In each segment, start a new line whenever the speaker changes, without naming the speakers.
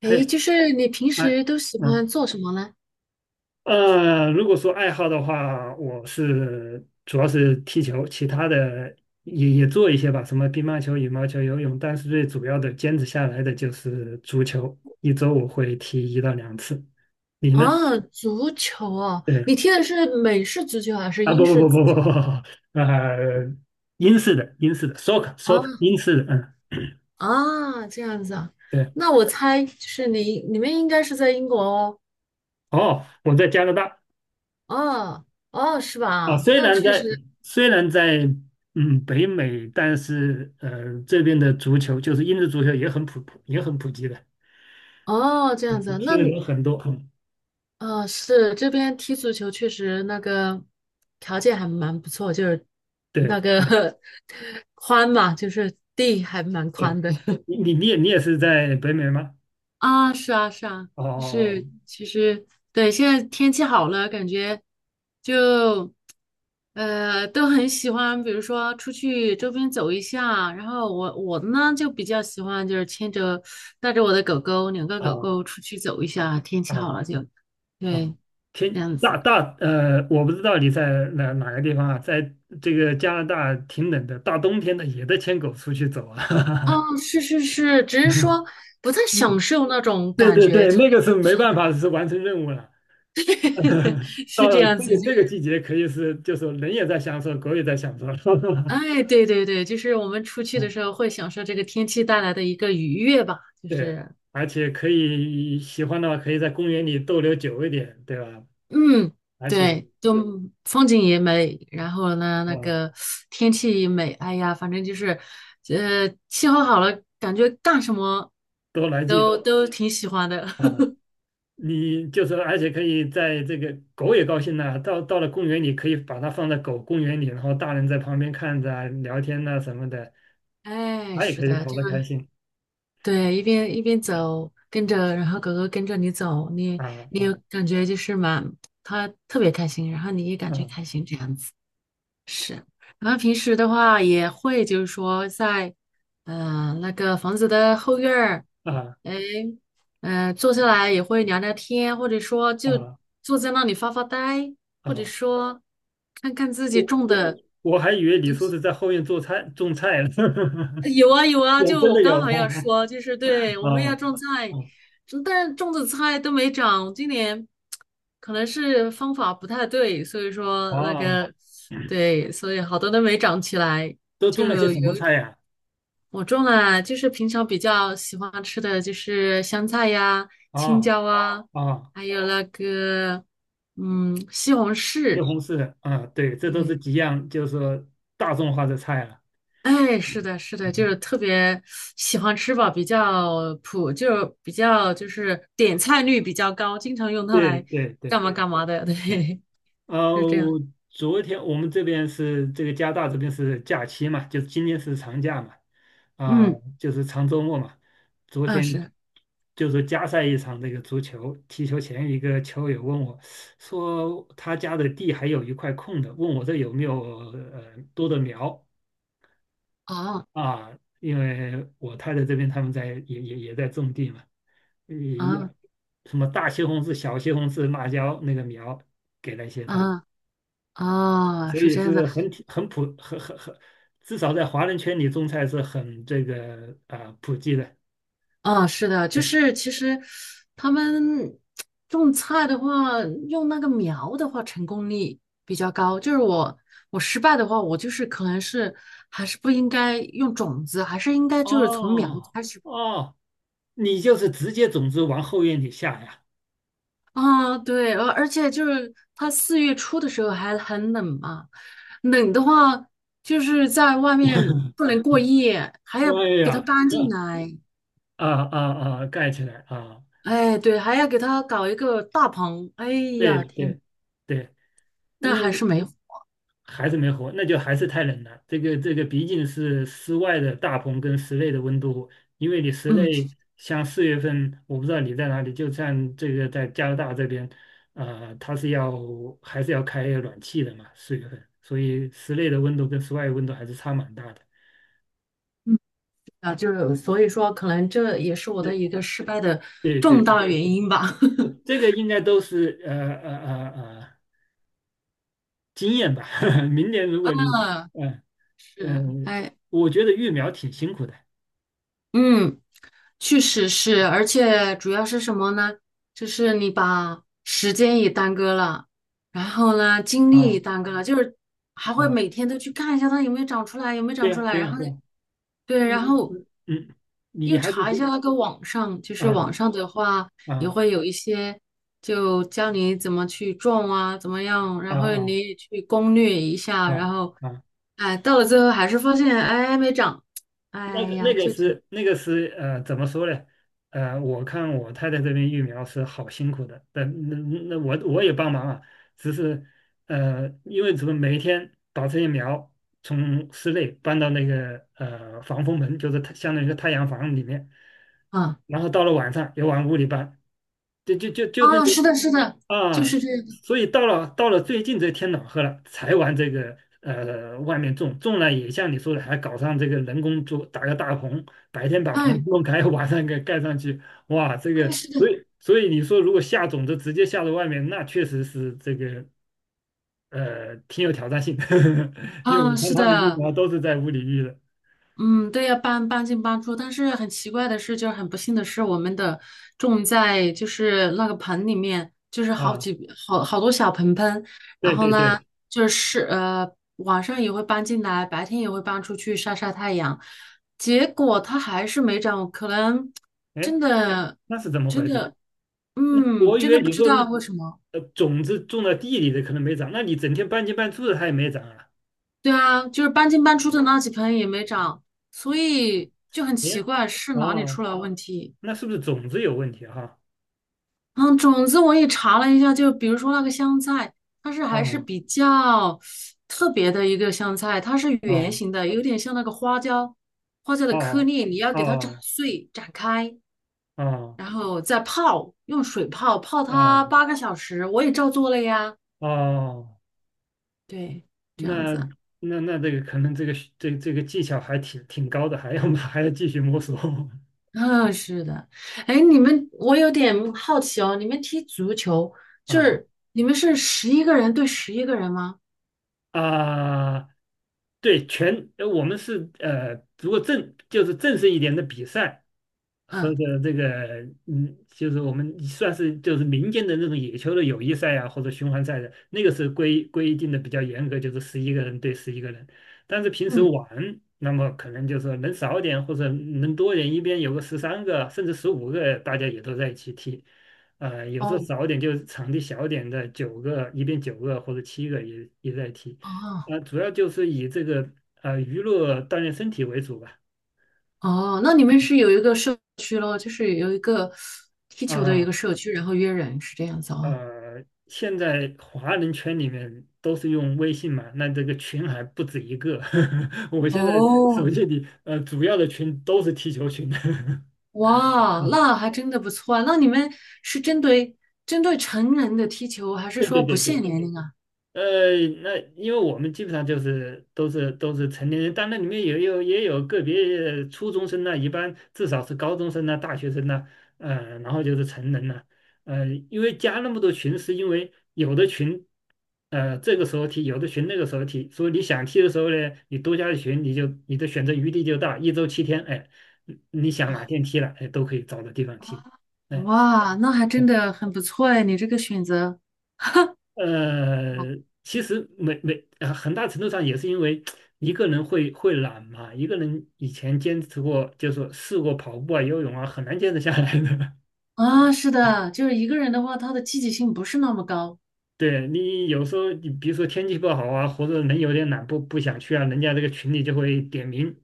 诶，
嘿。
就是你平
哎。
时都喜欢
嗯。
做什么呢？
如果说爱好的话，我是主要是踢球，其他的也做一些吧，什么乒乓球、羽毛球、游泳，但是最主要的坚持下来的就是足球，一周我会踢1到2次。你呢？
啊，足球哦，
对。
你踢的是美式足球还是
啊，
英
不
式
不
足
不不
球？
不不。呃，英式的 soccer
啊
英式的，嗯，
啊，这样子啊，
对。
那我猜就是你们应该是在英国哦。
哦，我在加拿大。
哦哦，是
啊，
吧？
虽
那
然
确
在
实。
虽然在北美，但是这边的足球就是英式足球也很普及的，
哦，这样子
嗯
啊
踢
那。
的人很多。嗯
啊，是这边踢足球确实那个条件还蛮不错，就是
对
那个
对
宽嘛，就是地还蛮
对，
宽的。
你也你也是在北美吗？
啊，是啊，是啊，就是
哦
其实对，现在天气好了，感觉就都很喜欢，比如说出去周边走一下。然后我呢就比较喜欢，就是牵着带着我的狗狗，两个狗
哦
狗出去走一下。天气好
哦
了就，
哦哦。
对，这
天
样
大
子。
大呃，我不知道你在哪个地方啊，在这个加拿大挺冷的，大冬天的也得牵狗出去走啊。
哦，是是是，只是说 不太享受那种
对
感
对
觉，
对，
就
那个是没办法，是完成任务了。
是 是
到
这
了这
样子
个
就。
这个季节，可以是就是人也在享受，狗也在享受。
哎，对对对，就是我们出去的
嗯，
时候会享受这个天气带来的一个愉悦吧，就
对，
是，
而且可以喜欢的话，可以在公园里逗留久一点，对吧？
嗯，
而且，
对，就风景也美，然后呢，那
嗯，
个天气也美，哎呀，反正就是，气候好了，感觉干什么
多来劲
都挺喜欢的。
啊！你就是，而且可以在这个狗也高兴呢。到了公园里，可以把它放在狗公园里，然后大人在旁边看着啊、聊天呐、什么的，
哎，
它也
是
可以
的，
跑
就
得开心
对，一边一边走，跟着，然后狗狗跟着你走，你
啊
你有
啊
感觉就是嘛，它特别开心，然后你也感觉
啊
开心这样子。是，然后平时的话也会，就是说在，那个房子的后院儿。
啊
哎，坐下来也会聊聊天，或者说就
啊
坐在那里发发呆，或者
啊！
说看看自己
我
种
我
的。
我还以为你说是在后院做菜种菜呢。
有啊有啊，
有，
就
真
我
的有
刚好要说，
啊，
就是对，我们要
啊，
种菜，
嗯，
但是种的菜都没长，今年可能是方法不太对，所以说那
啊！
个，对，所以好多都没长起来。
都种了些
就
什么
有
菜呀？
我种了，就是平常比较喜欢吃的就是香菜呀、青
啊？
椒啊，
啊，啊，
还有那个西红
西
柿。
红柿啊。对，这都是
对，
几样，就是说大众化的菜了。
哎，是的，是的，就是
嗯，
特别喜欢吃吧，比较普，就比较就是点菜率比较高，经常用它
对
来
对对
干嘛干嘛的。
对。
对，
呃，
是这样。
昨天我们这边是这个加拿大这边是假期嘛，就今天是长假嘛，啊，
嗯，
就是长周末嘛。昨
啊
天
是，
就是加赛一场那个足球，踢球前一个球友问我，说他家的地还有一块空的，问我这有没有多的苗
哦，
啊？因为我太太这边他们在也在种地嘛，也一
啊
样，什么大西红柿、小西红柿、辣椒那个苗给了一些他。
啊啊，哦，
所
是
以
这样子。
是很挺很普很很很，至少在华人圈里种菜是很这个啊、普及的。
啊，是的，就是其实他们种菜的话，用那个苗的话，成功率比较高。就是我失败的话，我就是可能是还是不应该用种子，还是应该就是从苗
哦
开始
哦，你就是直接种子往后院里下呀？
啊。对，而且就是它四月初的时候还很冷嘛，冷的话就是在外面不能过夜，还要
哎
给它
呀，
搬进来。
啊啊啊，盖起来啊！
哎，对，还要给它搞一个大棚。哎
对
呀，天，
对对。
但
那
还是没。
还是没活，那就还是太冷了。这个毕竟是室外的大棚跟室内的温度，因为你室
嗯
内像四月份，我不知道你在哪里，就像这个在加拿大这边，它是要还是要开暖气的嘛，四月份，所以室内的温度跟室外的温度还是差蛮大的。
嗯，啊，就是所以说，可能这也是我的一
对
个失败的
对
重
对。
大原因吧。
这个应该都是经验吧。明年如果你，
嗯，
嗯、呃
是，
嗯、呃
哎，
我觉得育苗挺辛苦的。
嗯，确实是，而且主要是什么呢？就是你把时间也耽搁了，然后呢，精力也
啊
耽搁了，就是还会
啊，
每天都去看一下它有没有长出来，有没有
对
长
呀、
出来，
对呀、
然后
对呀。
对，然
你
后
你嗯，你
又
还是
查一下那个网上，就是
啊
网上的话也
啊
会有一些，就教你怎么去种啊，怎么样，
啊
然后
啊
你也去攻略一下，
啊
然后，
啊。
哎，到了最后还是发现，哎，没长，
那
哎
个
呀，
那个
就挺，
是那个是怎么说呢？我看我太太这边育苗是好辛苦的，但那我也帮忙啊，只是因为怎么每一天把这些苗从室内搬到那个防风门，就是太相当于一个太阳房里面，
啊
然后到了晚上又往屋里搬，就就就就那
啊，是
个
的，是的，就
啊，
是这样的，
所以到了最近这天暖和了，才玩这个外面种，种了也像你说的，还搞上这个人工做，打个大棚，白天把棚
哎
弄开，晚上给盖上去。哇，这
哎，
个，
是
所
的，
以所以你说如果下种子直接下到外面，那确实是这个挺有挑战性。 因为
啊，
我看
是
他们育
的。
苗都是在屋里育的
嗯，对呀，搬进搬出，但是很奇怪的是，就是很不幸的是，我们的种在就是那个盆里面，就是好
啊。
几好好多小盆盆，然
对
后
对
呢，
对。
就是晚上也会搬进来，白天也会搬出去晒晒太阳，结果它还是没长，可能
哎，
真的
那是怎么
真
回事？
的
那
嗯
我以
真
为
的不
你
知
说
道
是
为什么。
种子种到地里的可能没长，那你整天半进半出的它也没长啊？
对啊，就是搬进搬出的那几盆也没长，所以就很奇
哎，
怪是哪里出
哦，
了问题。
那是不是种子有问题啊？
嗯，种子我也查了一下，就比如说那个香菜，它是
哈，
还是
啊？
比较特别的一个香菜，它是圆
哦
形的，有点像那个花椒，花椒的颗
哦
粒，你要给它斩
哦
碎、斩开，
哦
然后再泡，用水泡，泡
哦
它8个小时，我也照做了呀。
哦。
对，这样
那
子。
那这个可能这个这个技巧还挺高的，还要还要继续摸索。
嗯，是的。哎，你们，我有点好奇哦，你们踢足球，就
啊
是你们是十一个人对十一个人吗？
啊，对，全，我们是，如果就是正式一点的比赛和
嗯
的这个，嗯，就是我们算是就是民间的那种野球的友谊赛啊，或者循环赛的，那个是规定的比较严格，就是11个人对11个人。但是平时
嗯，
玩，那么可能就是能少点或者能多点，一边有个13个甚至15个，大家也都在一起踢。有时候
哦
少点，就是场地小点的九个，一边九个或者七个也也在踢。
哦。
主要就是以这个娱乐锻炼身体为主吧。
哦，那你们是有一个社区咯，就是有一个踢球的一个
啊，
社区，然后约人是这样子哦。
呃，现在华人圈里面都是用微信嘛，那这个群还不止一个。我现在手
哦，
机里主要的群都是踢球群。
哇，
嗯，
那还真的不错啊。那你们是针对成人的踢球，还是
对对
说不
对
限
对。
年龄啊？
呃，那因为我们基本上就是都是成年人，但那里面也有个别初中生呢、一般至少是高中生呐、大学生呢。然后就是成人了。因为加那么多群，是因为有的群，这个时候踢，有的群那个时候踢，所以你想踢的时候呢，你多加的群，你就你的选择余地就大，一周7天，哎，你你想
哦，
哪天踢了，哎，都可以找到地方踢。哎。
哇，那还真的很不错哎，你这个选择，
呃，其实没，很大程度上也是因为一个人会懒嘛，一个人以前坚持过，就是说试过跑步啊、游泳啊，很难坚持下来的。
啊，是的，就是一个人的话，他的积极性不是那么高
对，你有时候，你比如说天气不好啊，或者人有点懒不想去啊，人家这个群里就会点名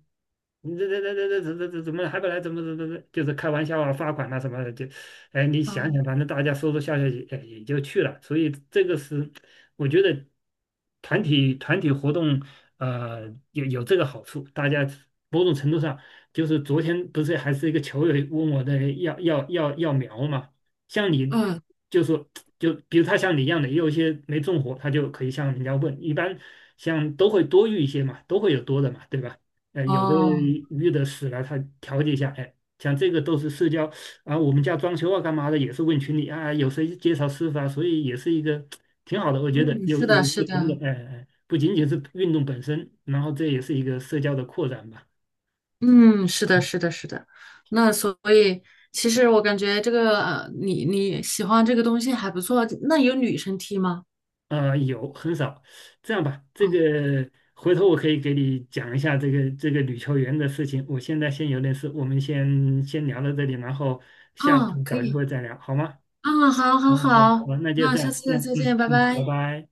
你这这这这这这、这、怎怎么还不来？怎么就是开玩笑啊，罚款啊什么的，就，哎，你想想，
啊。
反正大家说说笑笑也哎也就去了。所以这个是，我觉得团体活动，有这个好处，大家某种程度上就是昨天不是还是一个球友问我的要苗嘛，像你
嗯，
就说，就比如他像你一样的，也有一些没种活，他就可以向人家问，一般像都会多育一些嘛，都会有多的嘛，对吧？有的
哦，
鱼的死了，他调节一下，哎，像这个都是社交啊。我们家装修啊，干嘛的也是问群里啊，有谁介绍师傅啊，所以也是一个挺好的。我觉得
嗯，是
有
的，
一个
是
平等，
的。
哎哎，不仅仅是运动本身，然后这也是一个社交的扩展吧。
嗯，是的，是的，是的。那所以，其实我感觉这个，你喜欢这个东西还不错。那有女生踢吗？
啊，有，很少。这样吧，这
嗯，
个回头我可以给你讲一下这个女球员的事情，我现在先有点事，我们先聊到这里，然后下次
啊，可
找机
以，
会再聊，好吗？
啊，好，好，
哦，好，好，
好，
那就
那
这
下
样，
次
先，
再见，
嗯
拜
嗯，拜
拜。
拜。